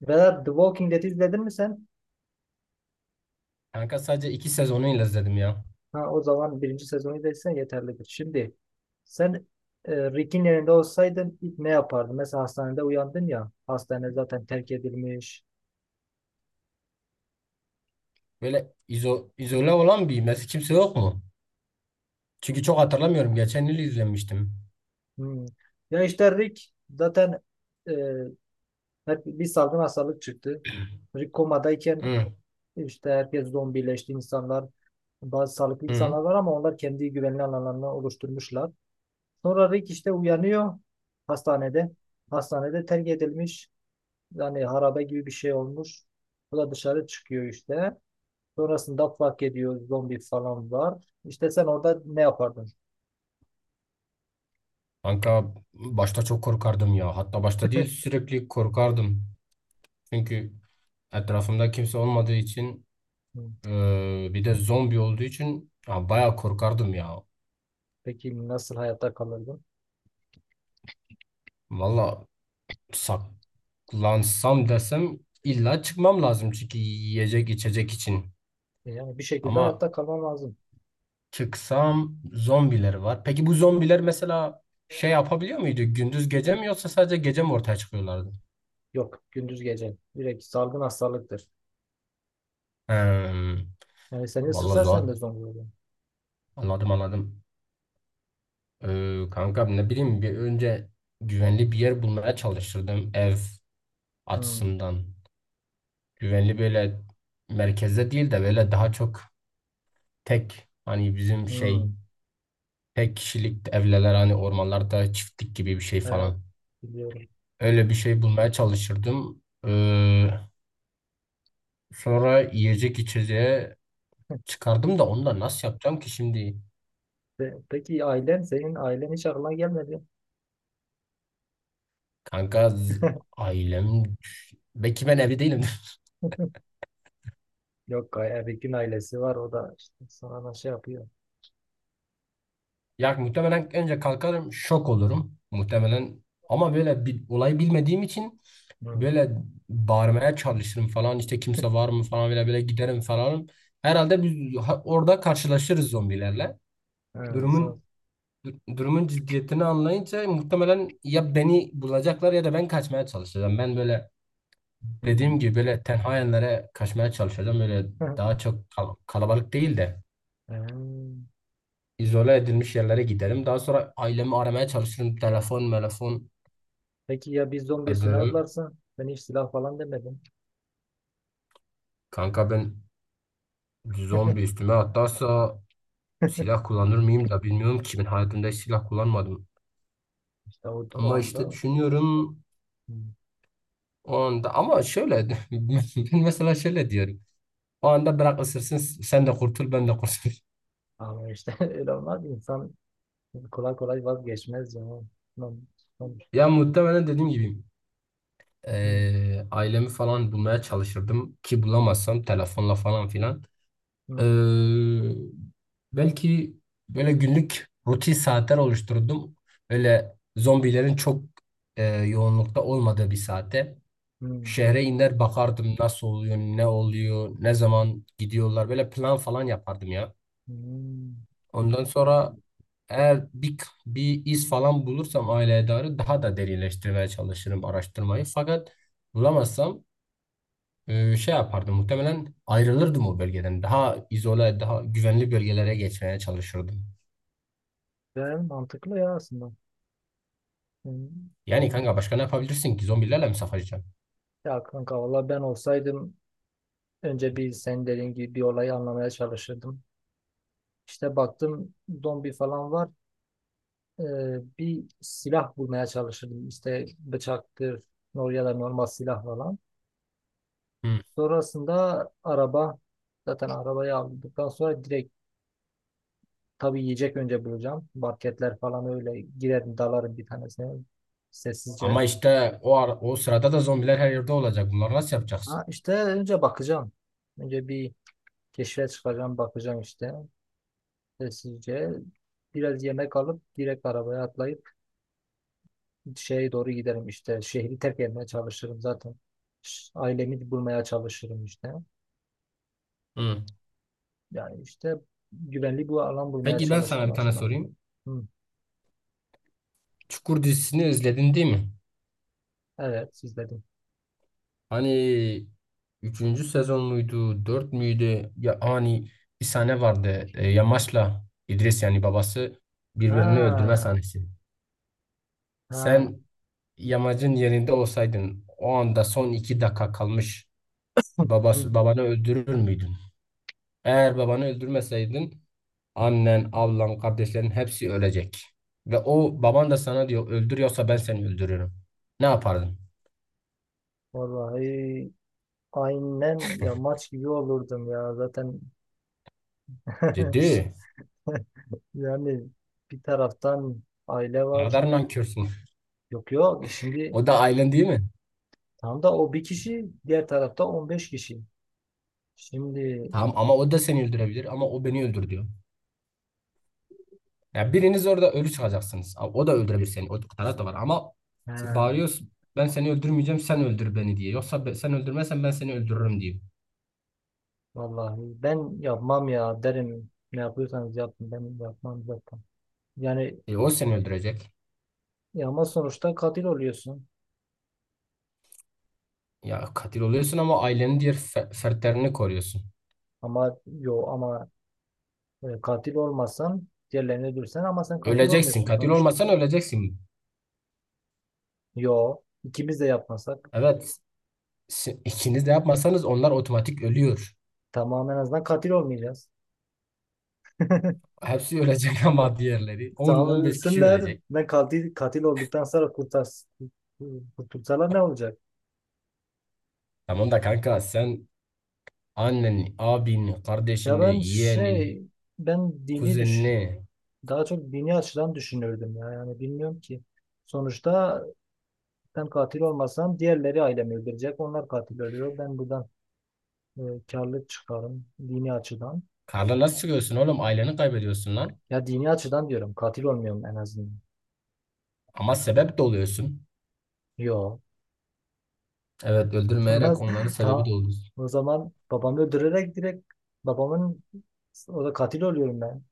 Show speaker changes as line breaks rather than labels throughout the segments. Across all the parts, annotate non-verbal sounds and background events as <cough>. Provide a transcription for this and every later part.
Vedat The Walking Dead izledin mi sen?
Kanka sadece 2 sezonuyla izledim ya.
Ha, o zaman birinci sezonu izlediysen yeterlidir. Şimdi sen Rick'in yerinde olsaydın ilk ne yapardın? Mesela hastanede uyandın ya. Hastane zaten terk edilmiş.
Böyle izole olan bir mesela kimse yok mu? Çünkü çok hatırlamıyorum. Geçen yıl izlemiştim.
Hmm. Ya işte Rick zaten e, hep bir salgın hastalık çıktı. Rick komadayken
Hı,
işte herkes zombileşti insanlar. Bazı sağlıklı
hı.
insanlar var ama onlar kendi güvenli alanlarını oluşturmuşlar. Sonra Rick işte uyanıyor hastanede. Hastanede terk edilmiş. Yani harabe gibi bir şey olmuş. Bu da dışarı çıkıyor işte. Sonrasında fark ediyor zombi falan var. İşte sen orada ne yapardın?
Kanka başta çok korkardım ya. Hatta başta değil sürekli korkardım. Çünkü etrafımda kimse olmadığı için
Hı.
bir de zombi olduğu için ya, bayağı korkardım ya.
Peki nasıl hayatta kalırdın?
Valla saklansam desem illa çıkmam lazım çünkü yiyecek içecek için.
Yani bir şekilde
Ama
hayatta kalman lazım.
çıksam zombileri var. Peki bu zombiler mesela şey yapabiliyor muydu? Gündüz gece mi yoksa sadece gece mi ortaya çıkıyorlardı?
Yok, gündüz gece. Direkt salgın hastalıktır.
Hmm,
Yani seni
vallahi
ısırsa sen
Zuhat,
de zombi olursun.
anladım anladım. Kanka ne bileyim bir önce güvenli bir yer bulmaya çalışırdım ev
Hı.
açısından. Güvenli böyle merkezde değil de böyle daha çok tek hani bizim
Hı.
şey tek kişilik evler hani ormanlarda çiftlik gibi bir şey
Evet,
falan.
biliyorum.
Öyle bir şey bulmaya çalışırdım. Ee, Sonra yiyecek içeceğe çıkardım da onu da nasıl yapacağım ki şimdi?
Peki senin ailen hiç aklına gelmedi.
Kanka
<laughs>
ailem <laughs> belki ben evli değilim. <laughs>
Yok, Erik'in ailesi var, o da işte sonra şey yapıyor.
Ya muhtemelen önce kalkarım şok olurum muhtemelen ama böyle bir olayı bilmediğim için
Hı.
böyle bağırmaya çalışırım falan işte kimse var mı falan böyle böyle giderim falan. Herhalde biz orada karşılaşırız zombilerle.
Evet, sonra-
Durumun durumun ciddiyetini anlayınca muhtemelen ya beni bulacaklar ya da ben kaçmaya çalışacağım. Ben böyle
hı.
dediğim gibi böyle tenha yerlere kaçmaya çalışacağım. Böyle
<laughs>
daha çok kalabalık değil de
Ee,
izole edilmiş yerlere giderim. Daha sonra ailemi aramaya çalışırım. Telefon telefon
Peki ya bir zombi üstüne
ederim.
atlarsa ben hiç silah falan demedim.
Kanka ben zombi üstüme atlarsa
<laughs>
silah kullanır mıyım da bilmiyorum ki, ben hayatımda hiç silah kullanmadım.
İşte o
Ama işte
anda
düşünüyorum
hmm,
o anda ama şöyle, <laughs> ben mesela şöyle diyorum. O anda bırak ısırsın, sen de kurtul ben de kurtul. <laughs>
ama işte <laughs> öyle olmaz. İnsan kolay kolay vazgeçmez ya. Hmm, hmm,
Ya muhtemelen dediğim gibi
hmm,
Ailemi falan bulmaya çalışırdım ki bulamazsam telefonla falan filan.
hmm,
Eee, belki böyle günlük rutin saatler oluşturdum. Öyle zombilerin çok yoğunlukta olmadığı bir saate.
hmm,
Şehre iner bakardım nasıl oluyor, ne oluyor, ne zaman gidiyorlar. Böyle plan falan yapardım ya.
hmm.
Ondan sonra eğer bir iz falan bulursam aileye dair daha da derinleştirmeye çalışırım araştırmayı. Fakat bulamazsam şey yapardım. Muhtemelen ayrılırdım o bölgeden. Daha izole, daha güvenli bölgelere geçmeye çalışırdım.
Yani mantıklı ya aslında. Hmm.
Yani kanka başka ne yapabilirsin ki? Zombilerle mi savaşacaksın?
Ya kanka valla ben olsaydım önce bir sen dediğin gibi bir olayı anlamaya çalışırdım. İşte baktım zombi falan var. Bir silah bulmaya çalışırdım. İşte bıçaktır ya da normal silah falan.
Hı.
Sonrasında araba zaten arabayı aldıktan sonra direkt tabii yiyecek önce bulacağım. Marketler falan öyle girerim dalarım bir tanesine sessizce.
Ama işte o sırada da zombiler her yerde olacak. Bunları nasıl yapacaksın?
Ha, işte önce bakacağım. Önce bir keşfe çıkacağım bakacağım işte sessizce. Biraz yemek alıp direkt arabaya atlayıp şeye doğru giderim işte. Şehri terk etmeye çalışırım zaten. Ailemi bulmaya çalışırım işte.
Hı.
Yani işte güvenli bir alan bulmaya
Peki ben sana
çalışırım
bir tane
aslında.
sorayım.
Hı,
Çukur dizisini izledin değil mi?
evet siz dediniz.
Hani üçüncü sezon muydu, dört müydü? Ya hani bir sahne vardı. Yamaç'la İdris, yani babası, birbirini öldürme
Ha,
sahnesi.
ha.
Sen Yamacın yerinde olsaydın o anda son 2 dakika kalmış,
Hı.
babası, babanı öldürür müydün? Eğer babanı öldürmeseydin annen, ablan, kardeşlerin hepsi ölecek. Ve o baban da sana diyor, öldürüyorsa ben seni öldürürüm. Ne yapardın?
Vallahi aynen ya maç gibi olurdum ya zaten. <laughs> Şi-
Dedi.
Yani bir taraftan aile
Ne
var.
kadar nankörsün.
Yok yok şimdi
O da ailen değil mi?
tam da o bir kişi, diğer tarafta 15 kişi. Şimdi
Tamam ama o da seni öldürebilir, ama o beni öldür diyor. Ya biriniz orada ölü çıkacaksınız. Ama o da öldürebilir seni. O taraf da var ama
he,
bağırıyorsun, ben seni öldürmeyeceğim sen öldür beni diye. Yoksa sen öldürmezsen ben seni öldürürüm diyor.
vallahi ben yapmam ya derim. Ne yapıyorsanız yapın, ben yapmam zaten. Yani
O seni öldürecek.
ya ama sonuçta katil oluyorsun.
Ya katil oluyorsun ama ailenin diğer fertlerini koruyorsun.
Ama yo ama katil olmasan diğerlerini öldürsen, ama sen katil
Öleceksin.
olmuyorsun
Katil
sonuçta.
olmasan öleceksin.
Yo, ikimiz de yapmasak
Evet. İkiniz de yapmasanız onlar otomatik ölüyor.
tamam, en azından katil olmayacağız. <laughs>
Hepsi ölecek <laughs> ama diğerleri. On
Tamam,
on beş kişi
ölsünler.
ölecek.
Ben katil katil olduktan sonra kurtulsalar ne olacak?
Tamam da kanka sen anneni, abini,
Ya ben
kardeşini, yeğenini,
şey, ben dini düşün,
kuzenini.
daha çok dini açıdan düşünürdüm ya. Yani bilmiyorum ki. Sonuçta ben katil olmasam diğerleri ailemi öldürecek. Onlar katil oluyor. Ben buradan e, karlı çıkarım dini açıdan.
Karla nasıl çıkıyorsun oğlum? Aileni kaybediyorsun lan.
Ya dini açıdan diyorum. Katil olmuyorum en azından.
Ama sebep de oluyorsun.
Yo.
Evet,
<laughs>
öldürmeyerek
Nasıl?
onların sebebi
Tamam.
de oluyorsun.
O zaman babamı öldürerek direkt babamın, o da katil oluyorum ben.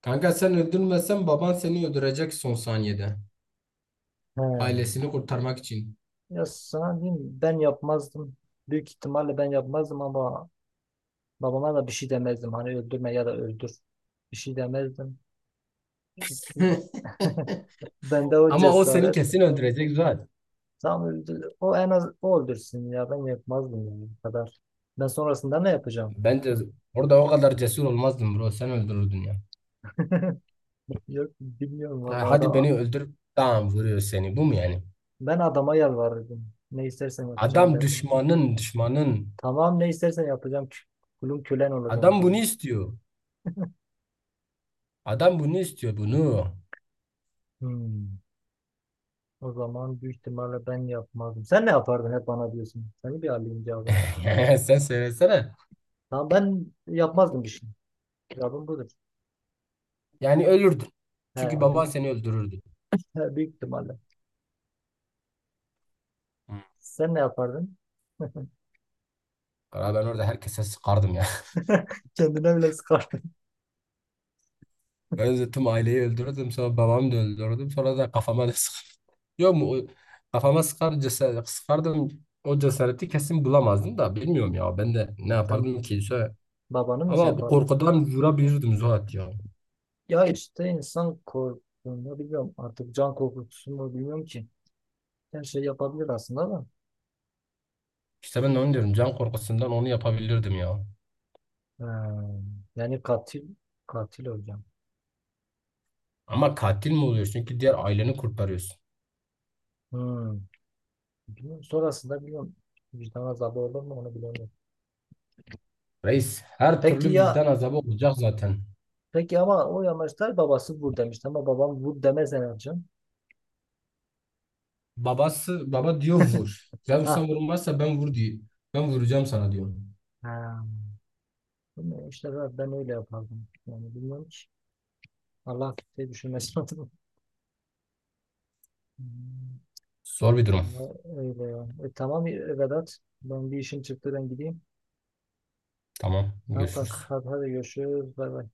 Kanka sen öldürmesen baban seni öldürecek son saniyede.
He.
Ailesini kurtarmak için.
Ya sana diyeyim mi? Ben yapmazdım. Büyük ihtimalle ben yapmazdım ama babama da bir şey demezdim. Hani öldürme ya da öldür. Bir şey demezdim. Çünkü
<laughs>
<laughs> bende o
Ama o seni
cesaret
kesin öldürecek zaten.
tam öldür. O en az, o öldürsün ya, ben yapmazdım yani, bu kadar. Ben sonrasında ne yapacağım?
Ben de orada o kadar cesur olmazdım bro. Sen öldürürdün ya.
<laughs> Yok, bilmiyorum
Ha,
vallahi
hadi
adam.
beni öldür. Tamam, vuruyor seni. Bu mu yani?
Ben adama yalvarırdım. Ne istersen yapacağım
Adam
derdim.
düşmanın, düşmanın.
Tamam, ne istersen yapacağım. Kulun kölen olacağım
Adam bunu
dedim.
istiyor. Adam bunu istiyor, bunu.
Hmm. O zaman büyük ihtimalle ben yapmazdım. Sen ne yapardın hep bana diyorsun. Seni bir alayım cevabını.
<laughs> Sen söylesene.
Tamam, ben yapmazdım bir şey. Cevabım budur.
Yani ölürdün.
He,
Çünkü baban
büyük,
seni öldürürdü.
he, büyük ihtimalle.
Hı.
Sen ne yapardın? <laughs>
Ben orada herkese sıkardım ya.
Kendine bile sıkardın.
Öldüm, aileyi öldürdüm, sonra babamı da öldürdüm, sonra da kafama da sıkardım. Yok mu kafama sıkar cesaret, sıkardım o cesareti kesin bulamazdım da, bilmiyorum ya, ben de ne
Sen
yapardım ki? Şöyle...
babanı mı şey
ama bu
yapardın?
korkudan vurabilirdim Zuhat ya.
Ya işte insan korkuyor. Bilmiyorum artık, can korkutusu mu, bilmiyorum ki. Her şey yapabilir aslında da.
İşte ben de onu diyorum, can korkusundan onu yapabilirdim ya.
Ha, yani katil, katil hocam.
Ama katil mi oluyorsun çünkü diğer aileni kurtarıyorsun.
Hmm. Bilmiyorum. Sonrasında biliyorum, vicdan azabı olur mu, onu bilemiyorum.
Reis, her
Peki
türlü
ya,
vicdan azabı olacak zaten.
peki ama o yamaçlar babası vur demişti, ama babam vur demez herhalde.
Babası baba diyor vur. Ya
Ha.
sen vurmazsa ben vur diyor. Ben vuracağım sana diyor.
Ha. Bilmiyorum işte, ben öyle yapardım. Yani bilmiyorum ki. Allah kimseyi düşünmesin <laughs> adına. Hmm.
Zor bir durum.
Ama öyle ya. Tamam, Vedat. Ben bir işim çıktı, ben gideyim.
Tamam,
Tamam kanka,
görüşürüz.
hadi, hadi görüşürüz. Bay bay.